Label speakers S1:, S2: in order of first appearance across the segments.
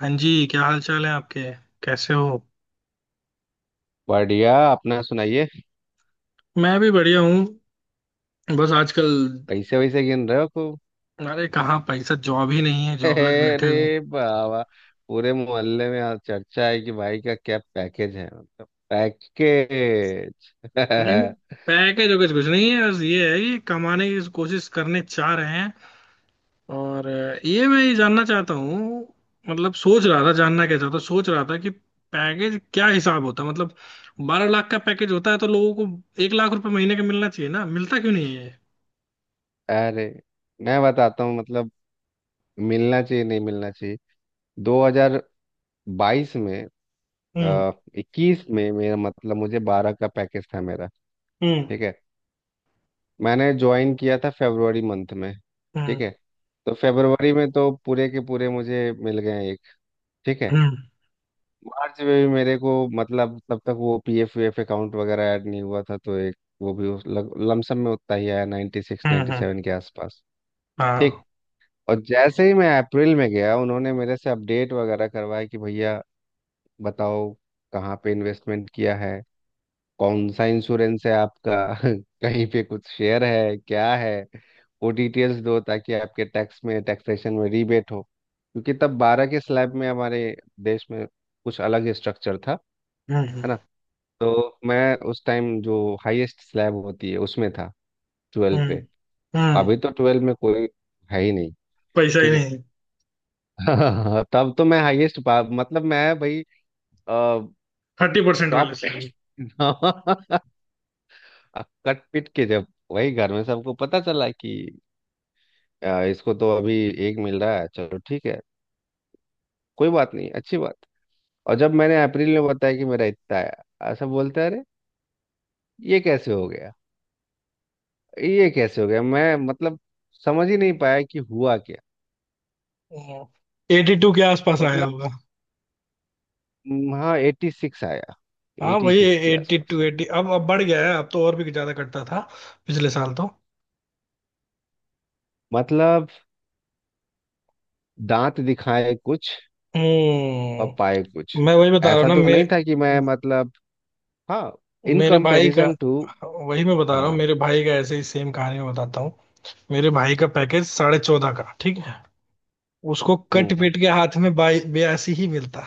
S1: हाँ जी, क्या हाल चाल है आपके? कैसे हो?
S2: बढ़िया अपना सुनाइए।
S1: मैं भी बढ़िया हूँ। बस आजकल।
S2: पैसे वैसे गिन रहे हो खूब।
S1: अरे कहाँ पैसा, जॉब ही नहीं है, जॉबलेस बैठे हो।
S2: अरे बाबा। पूरे मोहल्ले में आज चर्चा है कि भाई का क्या पैकेज है मतलब पैकेज।
S1: नहीं, पैकेज वैकेज कुछ नहीं है, बस ये है कि कमाने की कोशिश करने चाह रहे हैं। और ये मैं ये जानना चाहता हूँ। मतलब सोच रहा था, जानना क्या चाहता, सोच रहा था कि पैकेज क्या हिसाब होता है, मतलब 12 लाख का पैकेज होता है तो लोगों को 1 लाख रुपए महीने का मिलना चाहिए ना, मिलता क्यों नहीं है ये?
S2: अरे मैं बताता हूँ मतलब मिलना चाहिए नहीं मिलना चाहिए 2022 में
S1: हम्म।
S2: आ, 21 में मेरा मतलब मुझे 12 का पैकेज था मेरा।
S1: हम्म।
S2: ठीक है। मैंने ज्वाइन किया था फरवरी मंथ में।
S1: हम्म।
S2: ठीक है। तो फरवरी में तो पूरे के पूरे मुझे मिल गए एक। ठीक है।
S1: हम्म।
S2: मार्च में भी मेरे को मतलब तब तक वो पीएफ वीएफ अकाउंट वगैरह ऐड नहीं हुआ था तो एक वो भी उस लमसम में उतना ही आया ninety six
S1: hmm.
S2: Ninety seven के आसपास। ठीक।
S1: हाँ।
S2: और जैसे ही मैं अप्रैल में गया उन्होंने मेरे से अपडेट वगैरह करवाया कि भैया बताओ कहाँ पे इन्वेस्टमेंट किया है कौन सा इंश्योरेंस है आपका। कहीं पे कुछ शेयर है क्या है वो डिटेल्स दो ताकि आपके टैक्स में टैक्सेशन में रीबेट हो क्योंकि तब बारह के स्लैब में हमारे देश में कुछ अलग ही स्ट्रक्चर था। है
S1: हम्म। हम्म।
S2: ना। तो मैं उस टाइम जो हाईएस्ट स्लैब होती है उसमें था ट्वेल्व पे।
S1: हम्म। हम्म।
S2: अभी तो ट्वेल्व में कोई है ही नहीं।
S1: पैसा ही
S2: ठीक है।
S1: नहीं।
S2: तब तो मैं हाईएस्ट पा मतलब मैं भाई टॉप।
S1: 30% वाले स्लैब।
S2: कट पिट के जब वही घर में सबको पता चला कि इसको तो अभी एक मिल रहा है चलो ठीक है कोई बात नहीं अच्छी बात। और जब मैंने अप्रैल में बताया कि मेरा इतना आया सब बोलते हैं, अरे ये कैसे हो गया ये कैसे हो गया मैं मतलब समझ ही नहीं पाया कि हुआ क्या।
S1: 82 के आसपास आया
S2: मतलब
S1: होगा।
S2: हाँ एटी सिक्स आया।
S1: हाँ
S2: एटी
S1: वही।
S2: सिक्स के
S1: एट्टी
S2: आसपास
S1: टू
S2: है।
S1: 80। अब बढ़ गया है, अब तो और भी ज्यादा कटता था पिछले साल तो।
S2: मतलब दांत दिखाए कुछ और पाए कुछ।
S1: हम्म। मैं वही बता रहा हूँ
S2: ऐसा
S1: ना,
S2: तो नहीं
S1: मेरे
S2: था कि मैं मतलब हाँ इन
S1: मेरे भाई का।
S2: Comparison to.
S1: वही मैं बता रहा हूँ,
S2: हाँ,
S1: मेरे भाई का ऐसे ही सेम कहानी मैं बताता हूँ। मेरे भाई का पैकेज 14.5 का, ठीक है। उसको कट
S2: हम्म,
S1: पीट के हाथ में बाई 82 ही मिलता।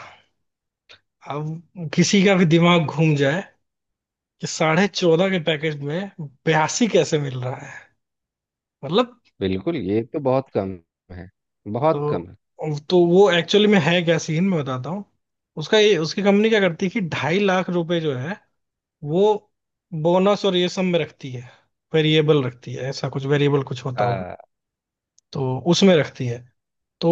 S1: अब किसी का भी दिमाग घूम जाए कि 14.5 के पैकेज में 82 कैसे मिल रहा है, मतलब।
S2: बिल्कुल ये तो बहुत कम है। बहुत कम
S1: तो
S2: है।
S1: तो वो एक्चुअली में है क्या सीन मैं बताता हूँ। उसका ये, उसकी कंपनी क्या करती है कि 2.5 लाख रुपए जो है वो बोनस और ये सब में रखती है। वेरिएबल रखती है, ऐसा कुछ वेरिएबल कुछ होता होगा।
S2: आ,
S1: तो उसमें रखती है। तो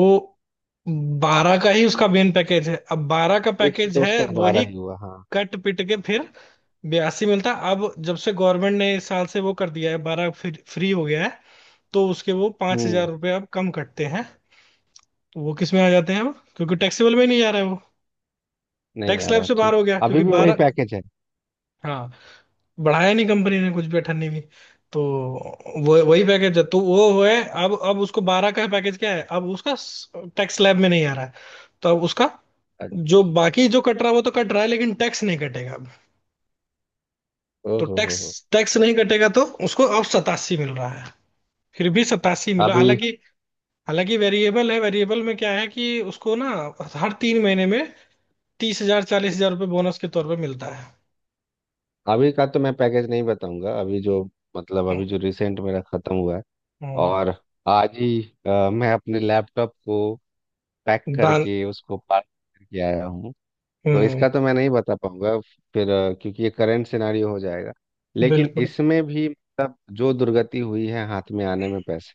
S1: 12 का ही उसका मेन पैकेज है। अब 12 का
S2: एक सौ
S1: पैकेज
S2: तो
S1: है
S2: उसका
S1: वही,
S2: बारह ही हुआ हाँ।
S1: कट पिट के फिर बयासी मिलता। अब जब से गवर्नमेंट ने इस साल से वो कर दिया है, 12 फ्री हो गया है, तो उसके वो 5,000
S2: हम्म,
S1: रुपये अब कम कटते हैं। तो वो किस में आ जाते हैं अब, क्योंकि टैक्सेबल में नहीं जा रहे हैं वो।
S2: नहीं
S1: टैक्स
S2: आ
S1: स्लैब
S2: रहा
S1: से बाहर
S2: ठीक।
S1: हो गया
S2: अभी
S1: क्योंकि
S2: भी वही
S1: 12।
S2: पैकेज है।
S1: हाँ, बढ़ाया नहीं कंपनी ने कुछ भी, अठन्नी भी। तो वो वही पैकेज है, तो वो हुए। अब उसको 12 का पैकेज क्या है, अब उसका टैक्स स्लैब में नहीं आ रहा है। तो अब उसका जो
S2: अच्छा।
S1: बाकी जो कट रहा है वो तो कट रहा है, लेकिन टैक्स नहीं कटेगा अब।
S2: ओ
S1: तो
S2: हो
S1: टैक्स
S2: हो।
S1: टैक्स नहीं कटेगा, तो उसको अब 87 मिल रहा है। फिर भी 87 मिला,
S2: अभी
S1: हालांकि हालांकि वेरिएबल है। वेरिएबल में क्या है कि उसको ना, हर 3 महीने में 30,000, 40,000 रुपये बोनस के तौर पे मिलता है।
S2: अभी का तो मैं पैकेज नहीं बताऊंगा अभी जो मतलब अभी जो रिसेंट मेरा खत्म हुआ है।
S1: हम्म,
S2: और आज ही मैं अपने लैपटॉप को पैक
S1: दान।
S2: करके उसको पार्क करके आया हूँ। तो
S1: हम्म,
S2: इसका तो मैं नहीं बता पाऊंगा फिर क्योंकि ये करंट सिनारियो हो जाएगा। लेकिन
S1: बिल्कुल।
S2: इसमें भी मतलब जो दुर्गति हुई है हाथ में आने में पैसे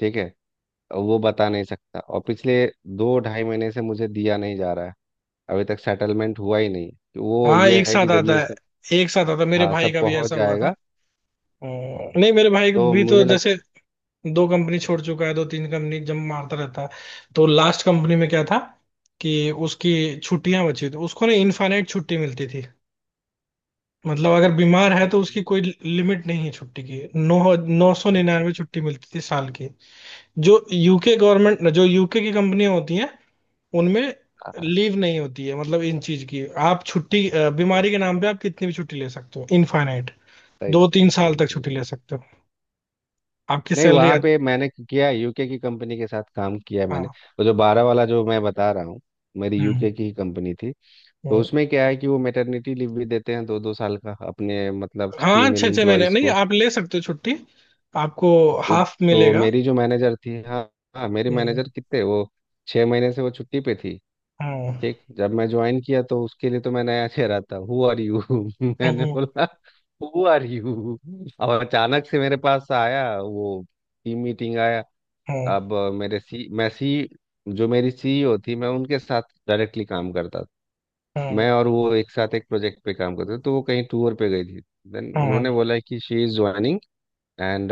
S2: ठीक है वो बता नहीं सकता और पिछले दो ढाई महीने से मुझे दिया नहीं जा रहा है। अभी तक सेटलमेंट हुआ ही नहीं तो वो
S1: हाँ,
S2: ये
S1: एक
S2: है कि
S1: साथ
S2: जब
S1: आता
S2: ये सब
S1: है, एक साथ आता है, मेरे
S2: हाँ
S1: भाई
S2: सब
S1: का भी
S2: पहुंच
S1: ऐसा हुआ था।
S2: जाएगा। हाँ,
S1: नहीं, मेरे भाई
S2: तो
S1: भी तो
S2: मुझे लग
S1: जैसे दो कंपनी छोड़ चुका है, दो तीन कंपनी जब मारता रहता है। तो लास्ट कंपनी में क्या था कि उसकी छुट्टियां बची थी, उसको ना इनफाइनाइट छुट्टी मिलती थी। मतलब अगर बीमार
S2: अच्छा
S1: है तो
S2: पढ़िए
S1: उसकी कोई लिमिट नहीं है छुट्टी की। नौ, नौ सौ
S2: अच्छा
S1: निन्यानवे
S2: अच्छा
S1: छुट्टी मिलती थी साल की। जो यूके गवर्नमेंट, जो यूके की कंपनियां होती हैं, उनमें
S2: हाँ हाँ
S1: लीव नहीं होती है। मतलब इन चीज की आप छुट्टी,
S2: बिल्कुल
S1: बीमारी के नाम पे आप कितनी भी छुट्टी ले सकते हो, इनफाइनाइट।
S2: सही
S1: दो
S2: सही
S1: तीन साल
S2: सही
S1: तक
S2: सही।
S1: छुट्टी ले सकते हो, आपकी
S2: नहीं
S1: सैलरी
S2: वहां पे मैंने किया यूके की कंपनी के साथ काम किया है मैंने।
S1: हाँ।
S2: वो जो बारह वाला जो मैं बता रहा हूँ मेरी
S1: हम्म।
S2: यूके की ही कंपनी थी। तो
S1: हम्म।
S2: उसमें क्या है कि वो मैटरनिटी लीव भी देते हैं दो दो साल का अपने मतलब
S1: हाँ,
S2: फीमेल
S1: छः छः महीने
S2: इम्प्लॉयज
S1: नहीं,
S2: को।
S1: आप ले सकते हो छुट्टी। आपको
S2: तो,
S1: हाफ
S2: तो
S1: मिलेगा।
S2: मेरी जो मैनेजर थी हाँ हाँ मेरी
S1: हम्म।
S2: मैनेजर कितने वो 6 महीने से वो छुट्टी पे थी।
S1: हम्म।
S2: ठीक जब मैं ज्वाइन किया तो उसके लिए तो मैं नया चेहरा था हु आर यू। मैंने
S1: हम्म।
S2: बोला हु आर यू। और अचानक से मेरे पास आया वो टीम मीटिंग आया।
S1: हम्म।
S2: अब मेरे सी मैं सी जो मेरी सीईओ थी मैं उनके साथ डायरेक्टली काम करता था।
S1: हम्म।
S2: मैं और वो एक साथ एक प्रोजेक्ट पे काम करते थे तो वो कहीं टूर पे गई थी। देन उन्होंने
S1: हम्म,
S2: बोला कि शी इज ज्वाइनिंग एंड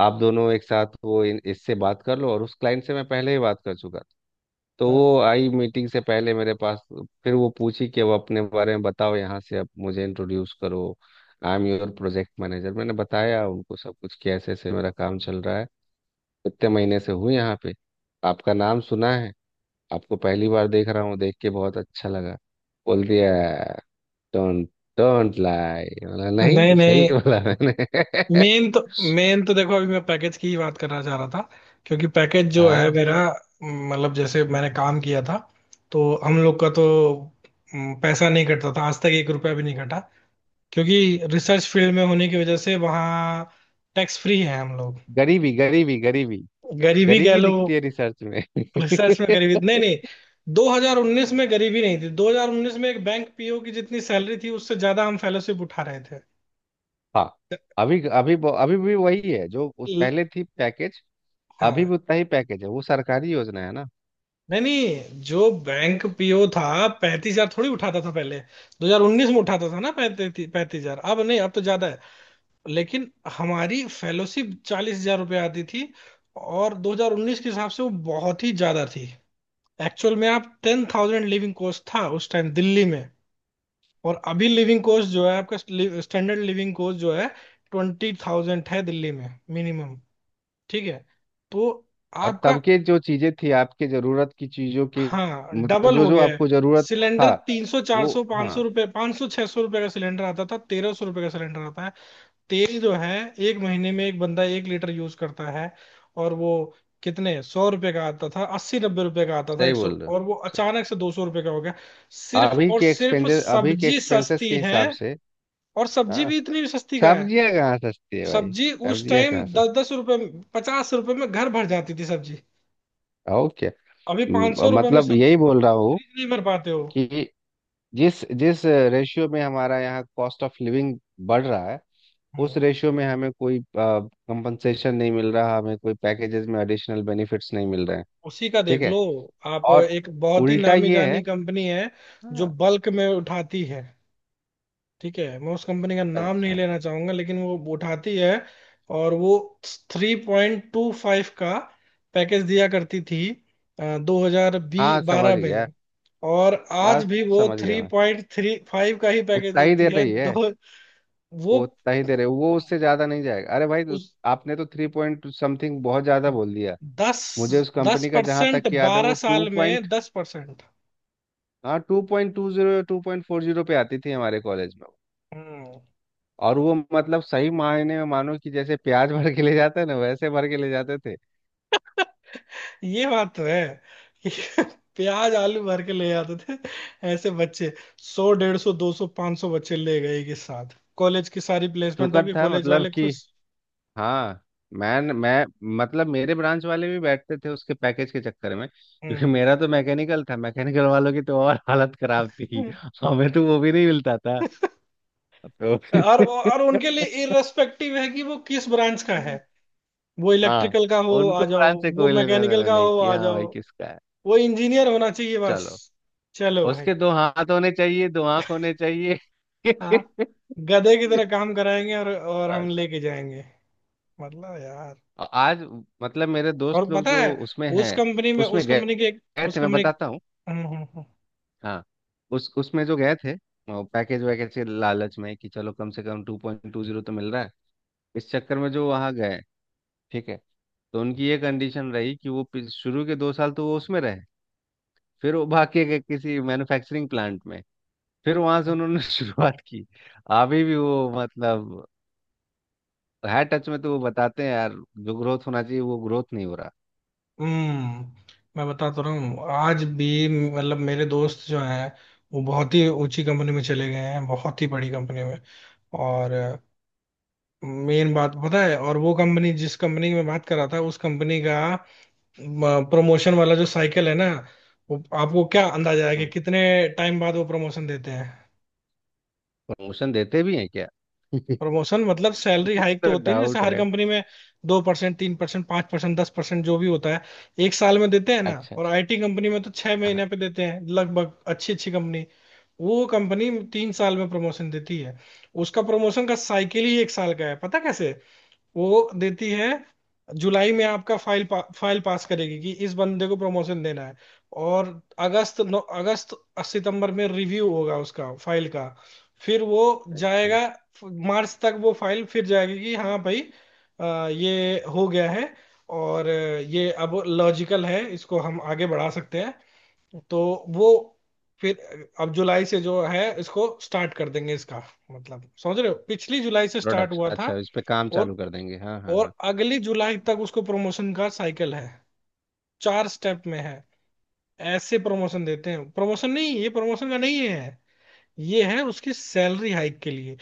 S2: आप दोनों एक साथ वो इससे बात कर लो और उस क्लाइंट से मैं पहले ही बात कर चुका था। तो
S1: हम्म।
S2: वो आई मीटिंग से पहले मेरे पास। फिर वो पूछी कि अब अपने बारे में बताओ यहाँ से अब मुझे इंट्रोड्यूस करो। I am your project manager मैंने बताया उनको सब कुछ कि ऐसे ऐसे मेरा काम चल रहा है कितने महीने से हूँ यहाँ पे आपका नाम सुना है आपको पहली बार देख रहा हूँ देख के बहुत अच्छा लगा बोल दिया डोंट डोंट लाई बोला
S1: नहीं
S2: नहीं सही
S1: नहीं।
S2: बोला मैंने।
S1: मेन तो मेन तो देखो, अभी मैं पैकेज की ही बात करना चाह रहा था, क्योंकि पैकेज जो है
S2: हाँ,
S1: मेरा, मतलब जैसे मैंने काम किया था तो हम लोग का तो, पैसा नहीं कटता था आज तक, एक रुपया भी नहीं कटा। क्योंकि रिसर्च फील्ड में होने की वजह से वहाँ टैक्स फ्री है हम लोग।
S2: गरीबी गरीबी गरीबी।
S1: गरीबी कह
S2: गरीबी
S1: लो।
S2: दिखती है रिसर्च में।
S1: रिसर्च में गरीबी नहीं, नहीं। 2019 में गरीबी नहीं थी। 2019 में एक बैंक पीओ की जितनी सैलरी थी, उससे ज्यादा हम फेलोशिप उठा रहे थे।
S2: हाँ अभी अभी अभी भी वही है जो
S1: ल-
S2: पहले थी पैकेज। अभी
S1: हाँ
S2: भी उतना ही पैकेज है वो सरकारी योजना है ना।
S1: नहीं नहीं, जो बैंक पीओ था, 35,000 थोड़ी उठाता था पहले। 2019 में उठाता था ना 35, 35,000। अब नहीं, अब तो ज्यादा है, लेकिन हमारी फेलोशिप 40,000 रुपये आती थी। और 2019 के हिसाब से वो बहुत ही ज्यादा थी। एक्चुअल में आप, 10 थाउजेंड लिविंग कॉस्ट था उस टाइम दिल्ली में। और अभी लिविंग कॉस्ट जो है आपका, स्टैंडर्ड लिविंग कॉस्ट जो है, 20 थाउजेंड है दिल्ली में, मिनिमम। ठीक है। तो
S2: और तब
S1: आपका,
S2: के जो चीजें थी आपके जरूरत की चीजों की
S1: हाँ,
S2: मतलब
S1: डबल
S2: जो
S1: हो
S2: जो
S1: गया है।
S2: आपको जरूरत
S1: सिलेंडर
S2: था
S1: 300, चार
S2: वो
S1: सौ पाँच
S2: हाँ
S1: सौ रुपये, 500, 600 रुपये का सिलेंडर आता था, 1,300 रुपये का सिलेंडर आता है। तेल जो है, 1 महीने में एक बंदा 1 लीटर यूज करता है, और वो कितने सौ रुपये का आता था? 80, 90 रुपये का आता था,
S2: सही
S1: 100,
S2: बोल रहे हो
S1: और वो
S2: सही।
S1: अचानक से 200 रुपये का हो गया। सिर्फ
S2: अभी
S1: और
S2: के
S1: सिर्फ
S2: एक्सपेंसेस अभी के
S1: सब्जी
S2: एक्सपेंसेस
S1: सस्ती
S2: के
S1: है।
S2: हिसाब से।
S1: और सब्जी
S2: हाँ,
S1: भी इतनी सस्ती का है।
S2: सब्जियां कहाँ सस्ती है भाई।
S1: सब्जी उस
S2: सब्जियां
S1: टाइम
S2: कहाँ सस्ती
S1: दस दस रुपये, 50 रुपये में घर भर जाती थी सब्जी।
S2: और क्या
S1: अभी पाँच सौ रुपये में
S2: मतलब
S1: सब्जी
S2: यही बोल रहा हूँ
S1: फ्रिज नहीं भर पाते
S2: कि जिस जिस रेशियो में हमारा यहाँ कॉस्ट ऑफ लिविंग बढ़ रहा है उस
S1: हो।
S2: रेशियो में हमें कोई कंपनसेशन नहीं मिल रहा हमें कोई पैकेजेस में एडिशनल बेनिफिट्स नहीं मिल रहे हैं।
S1: उसी का
S2: ठीक
S1: देख लो,
S2: है।
S1: आप
S2: और
S1: एक बहुत ही
S2: उल्टा
S1: नामी
S2: ये है
S1: जानी कंपनी है जो
S2: हाँ
S1: बल्क में उठाती है। ठीक है, मैं उस कंपनी का नाम नहीं
S2: अच्छा
S1: लेना चाहूंगा लेकिन वो उठाती है। और वो 3.25 का पैकेज दिया करती थी दो हजार
S2: हाँ समझ
S1: बारह
S2: गया
S1: में। और आज
S2: बस
S1: भी वो
S2: समझ गया
S1: थ्री
S2: मैं
S1: पॉइंट थ्री फाइव का ही पैकेज
S2: उतना ही
S1: देती
S2: दे
S1: है।
S2: रही है।
S1: दो वो
S2: वो उतना ही दे रहे वो उससे ज्यादा नहीं जाएगा अरे भाई तो
S1: उस
S2: आपने तो थ्री पॉइंट समथिंग बहुत ज्यादा बोल दिया।
S1: दस,
S2: मुझे उस
S1: दस
S2: कंपनी का जहां
S1: परसेंट
S2: तक याद है
S1: बारह
S2: वो टू
S1: साल
S2: पॉइंट
S1: में 10%।
S2: हाँ टू पॉइंट टू जीरो या टू पॉइंट फोर जीरो पे आती थी हमारे कॉलेज में।
S1: हम्म।
S2: और वो मतलब सही मायने में मानो कि जैसे प्याज भर के ले जाते हैं ना वैसे भर के ले जाते थे।
S1: ये बात तो है कि प्याज आलू भर के ले आते थे ऐसे बच्चे। 100, 150, 200, 500 बच्चे ले गए के साथ, कॉलेज की सारी प्लेसमेंट
S2: शुक्र
S1: होगी,
S2: था
S1: कॉलेज
S2: मतलब
S1: वाले
S2: कि
S1: खुश।
S2: हाँ मैं मतलब मेरे ब्रांच वाले भी बैठते थे उसके पैकेज के चक्कर में क्योंकि
S1: हम्म।
S2: मेरा तो मैकेनिकल था मैकेनिकल वालों की तो और हालत खराब थी। हमें तो वो भी नहीं मिलता था तो।
S1: और उनके लिए इररेस्पेक्टिव है कि वो किस ब्रांच का है। वो
S2: हाँ,
S1: इलेक्ट्रिकल का हो आ
S2: उनको
S1: जाओ,
S2: ब्रांड से
S1: वो
S2: कोई लेना
S1: मैकेनिकल
S2: देना
S1: का
S2: नहीं
S1: हो
S2: कि
S1: आ
S2: हाँ
S1: जाओ,
S2: भाई किसका है।
S1: वो इंजीनियर होना चाहिए बस।
S2: चलो
S1: चलो भाई।
S2: उसके दो हाथ होने चाहिए दो आंख होने चाहिए।
S1: हाँ, गधे की तरह काम कराएंगे और हम
S2: बस
S1: लेके जाएंगे, मतलब यार।
S2: और आज मतलब मेरे दोस्त
S1: और
S2: लोग
S1: पता है,
S2: जो उसमें हैं
S1: उस कंपनी में,
S2: उसमें
S1: उस
S2: गए
S1: कंपनी के,
S2: गए
S1: उस
S2: थे मैं
S1: कंपनी के-
S2: बताता हूँ।
S1: हम्म।
S2: हाँ उस उसमें जो गए थे पैकेज वैकेज के लालच में कि चलो कम से कम टू पॉइंट टू जीरो तो मिल रहा है इस चक्कर में जो वहाँ गए। ठीक है। तो उनकी ये कंडीशन रही कि वो शुरू के 2 साल तो वो उसमें रहे। फिर वो बाकी के गए किसी मैन्युफैक्चरिंग प्लांट में। फिर वहां से
S1: हम्म,
S2: उन्होंने शुरुआत की। अभी भी वो मतलब है टच में तो वो बताते हैं यार जो ग्रोथ होना चाहिए वो ग्रोथ नहीं हो रहा।
S1: हम्म, मैं बता तो रहा हूँ आज भी। मतलब मेरे दोस्त जो हैं वो बहुत ही ऊंची कंपनी में चले गए हैं, बहुत ही बड़ी कंपनी में। और मेन बात पता है, और वो कंपनी, जिस कंपनी की मैं बात कर रहा था, उस कंपनी का प्रमोशन वाला जो साइकिल है ना, वो आपको क्या अंदाजा है कि कितने टाइम बाद वो प्रमोशन देते हैं?
S2: प्रमोशन देते भी हैं क्या।
S1: प्रमोशन मतलब सैलरी हाइक तो
S2: तो
S1: होती है जैसे
S2: डाउट
S1: हर
S2: है।
S1: कंपनी में, 2%, 3%, 5%, 10%, जो भी होता है। एक साल में देते हैं ना,
S2: अच्छा
S1: और
S2: अच्छा
S1: आईटी कंपनी में तो छह
S2: हाँ
S1: महीने पे देते हैं लगभग, अच्छी अच्छी कंपनी। वो कंपनी 3 साल में प्रमोशन देती है। उसका प्रमोशन का साइकिल ही 1 साल का है, पता कैसे वो देती है? जुलाई में आपका फाइल फाइल पास करेगी कि इस बंदे को प्रमोशन देना है। और अगस्त, 9 अगस्त, सितंबर में रिव्यू होगा उसका फाइल का। फिर वो
S2: अच्छा
S1: जाएगा, मार्च तक वो फाइल फिर जाएगी कि हाँ भाई, ये हो गया है और ये अब लॉजिकल है, इसको हम आगे बढ़ा सकते हैं। तो वो फिर अब जुलाई से जो है इसको स्टार्ट कर देंगे इसका। मतलब समझ रहे हो? पिछली जुलाई से स्टार्ट
S2: प्रोडक्ट
S1: हुआ था
S2: अच्छा इस पे काम चालू
S1: और
S2: कर देंगे हाँ हाँ हाँ।
S1: और अगली जुलाई तक उसको प्रमोशन का साइकिल है। चार स्टेप में है। ऐसे प्रमोशन देते हैं। प्रमोशन नहीं, ये प्रमोशन का नहीं है, ये है उसकी सैलरी हाइक के लिए।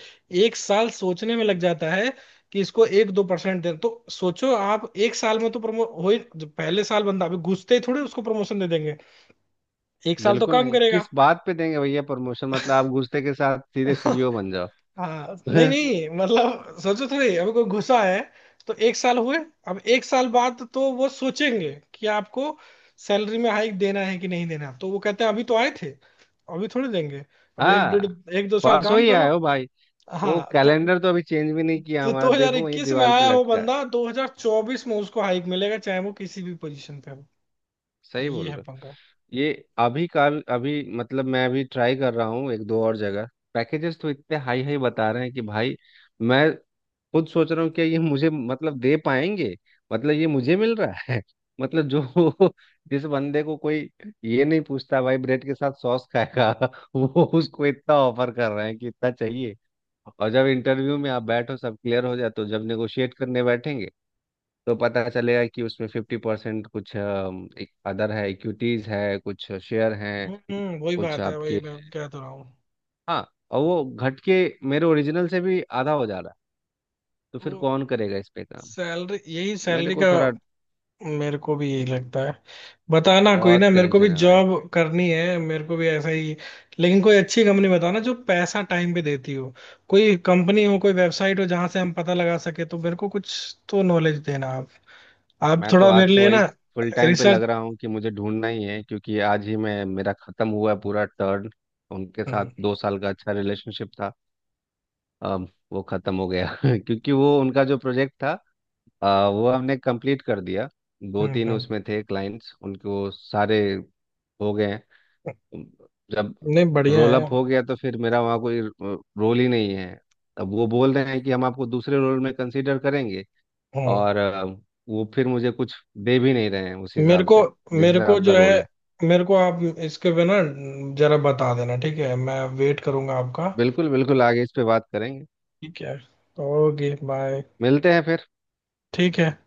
S1: एक साल सोचने में लग जाता है कि इसको 1-2% दे, तो सोचो आप 1 साल में तो प्रमो हो ही, जो पहले साल बंदा अभी घुसते ही थोड़े उसको प्रमोशन दे देंगे, एक साल तो
S2: बिल्कुल
S1: काम
S2: नहीं
S1: करेगा।
S2: किस बात पे देंगे भैया प्रमोशन मतलब आप घुसते के साथ सीधे सीईओ बन जाओ।
S1: हाँ नहीं नहीं, मतलब सोचो थोड़ी अभी कोई घुसा है, तो 1 साल हुए। अब 1 साल बाद तो वो सोचेंगे कि आपको सैलरी में हाइक देना है कि नहीं देना, तो वो कहते हैं अभी तो आए थे, अभी थोड़ी देंगे। अब एक डेढ़,
S2: हाँ,
S1: 1-2 साल
S2: परसों
S1: काम
S2: ही
S1: करो।
S2: आए हो भाई। वो
S1: हाँ, तो
S2: कैलेंडर तो अभी चेंज भी नहीं किया
S1: तो
S2: हमारा देखो वही
S1: 2021 में
S2: दीवार पे
S1: आया हो
S2: लटका है।
S1: बंदा, 2024 में उसको हाइक मिलेगा, चाहे वो किसी भी पोजीशन पे हो।
S2: सही
S1: ये
S2: बोल
S1: है
S2: रहे
S1: पंगा।
S2: हो ये अभी का अभी मतलब मैं अभी ट्राई कर रहा हूँ एक दो और जगह। पैकेजेस तो इतने हाई हाई बता रहे हैं कि भाई मैं खुद सोच रहा हूँ कि ये मुझे मतलब दे पाएंगे। मतलब ये मुझे मिल रहा है मतलब जो जिस बंदे को कोई ये नहीं पूछता भाई ब्रेड के साथ सॉस खाएगा वो उसको इतना ऑफर कर रहे हैं कि इतना चाहिए। और जब इंटरव्यू में आप बैठो सब क्लियर हो जाए तो जब नेगोशिएट करने बैठेंगे तो पता चलेगा कि उसमें 50% कुछ अदर है इक्विटीज है कुछ शेयर हैं
S1: हम्म, वही
S2: कुछ
S1: बात है, वही
S2: आपके।
S1: मैं कह तो रहा हूँ।
S2: हाँ और वो घट के मेरे ओरिजिनल से भी आधा हो जा रहा है। तो फिर
S1: तो
S2: कौन करेगा इस पे काम।
S1: सैलरी, यही
S2: मेरे
S1: सैलरी
S2: को
S1: का,
S2: थोड़ा
S1: मेरे को भी यही लगता है। बताना कोई ना,
S2: बहुत
S1: मेरे को भी
S2: टेंशन है भाई।
S1: जॉब करनी है, मेरे को भी ऐसा ही। लेकिन कोई अच्छी कंपनी बताना जो पैसा टाइम पे देती हो। कोई कंपनी हो, कोई वेबसाइट हो जहां से हम पता लगा सके, तो मेरे को कुछ तो नॉलेज देना आप
S2: मैं तो
S1: थोड़ा
S2: आज
S1: मेरे
S2: से
S1: लिए
S2: वही
S1: ना
S2: फुल टाइम पे
S1: रिसर्च।
S2: लग रहा हूँ कि मुझे ढूंढना ही है क्योंकि आज ही मैं मेरा खत्म हुआ है पूरा टर्न। उनके साथ
S1: हम्म।
S2: 2 साल का अच्छा रिलेशनशिप था अब वो खत्म हो गया। क्योंकि वो उनका जो प्रोजेक्ट था वो हमने कंप्लीट कर दिया। दो
S1: हम्म।
S2: तीन
S1: हम्म।
S2: उसमें थे क्लाइंट्स उनको सारे हो गए हैं। जब
S1: नहीं, बढ़िया
S2: रोल
S1: है।
S2: अप हो गया तो फिर मेरा वहाँ कोई रोल ही नहीं है। अब वो बोल रहे हैं कि हम आपको दूसरे रोल में कंसीडर करेंगे
S1: हम्म।
S2: और वो फिर मुझे कुछ दे भी नहीं रहे हैं उस
S1: मेरे
S2: हिसाब
S1: को
S2: से जिस
S1: मेरे को
S2: हिसाब का
S1: जो
S2: रोल
S1: है,
S2: है।
S1: मेरे को आप इसके पे ना जरा बता देना, ठीक है? मैं वेट करूंगा आपका।
S2: बिल्कुल बिल्कुल आगे इस पे बात करेंगे
S1: ठीक है, ओके बाय।
S2: मिलते हैं फिर।
S1: ठीक है।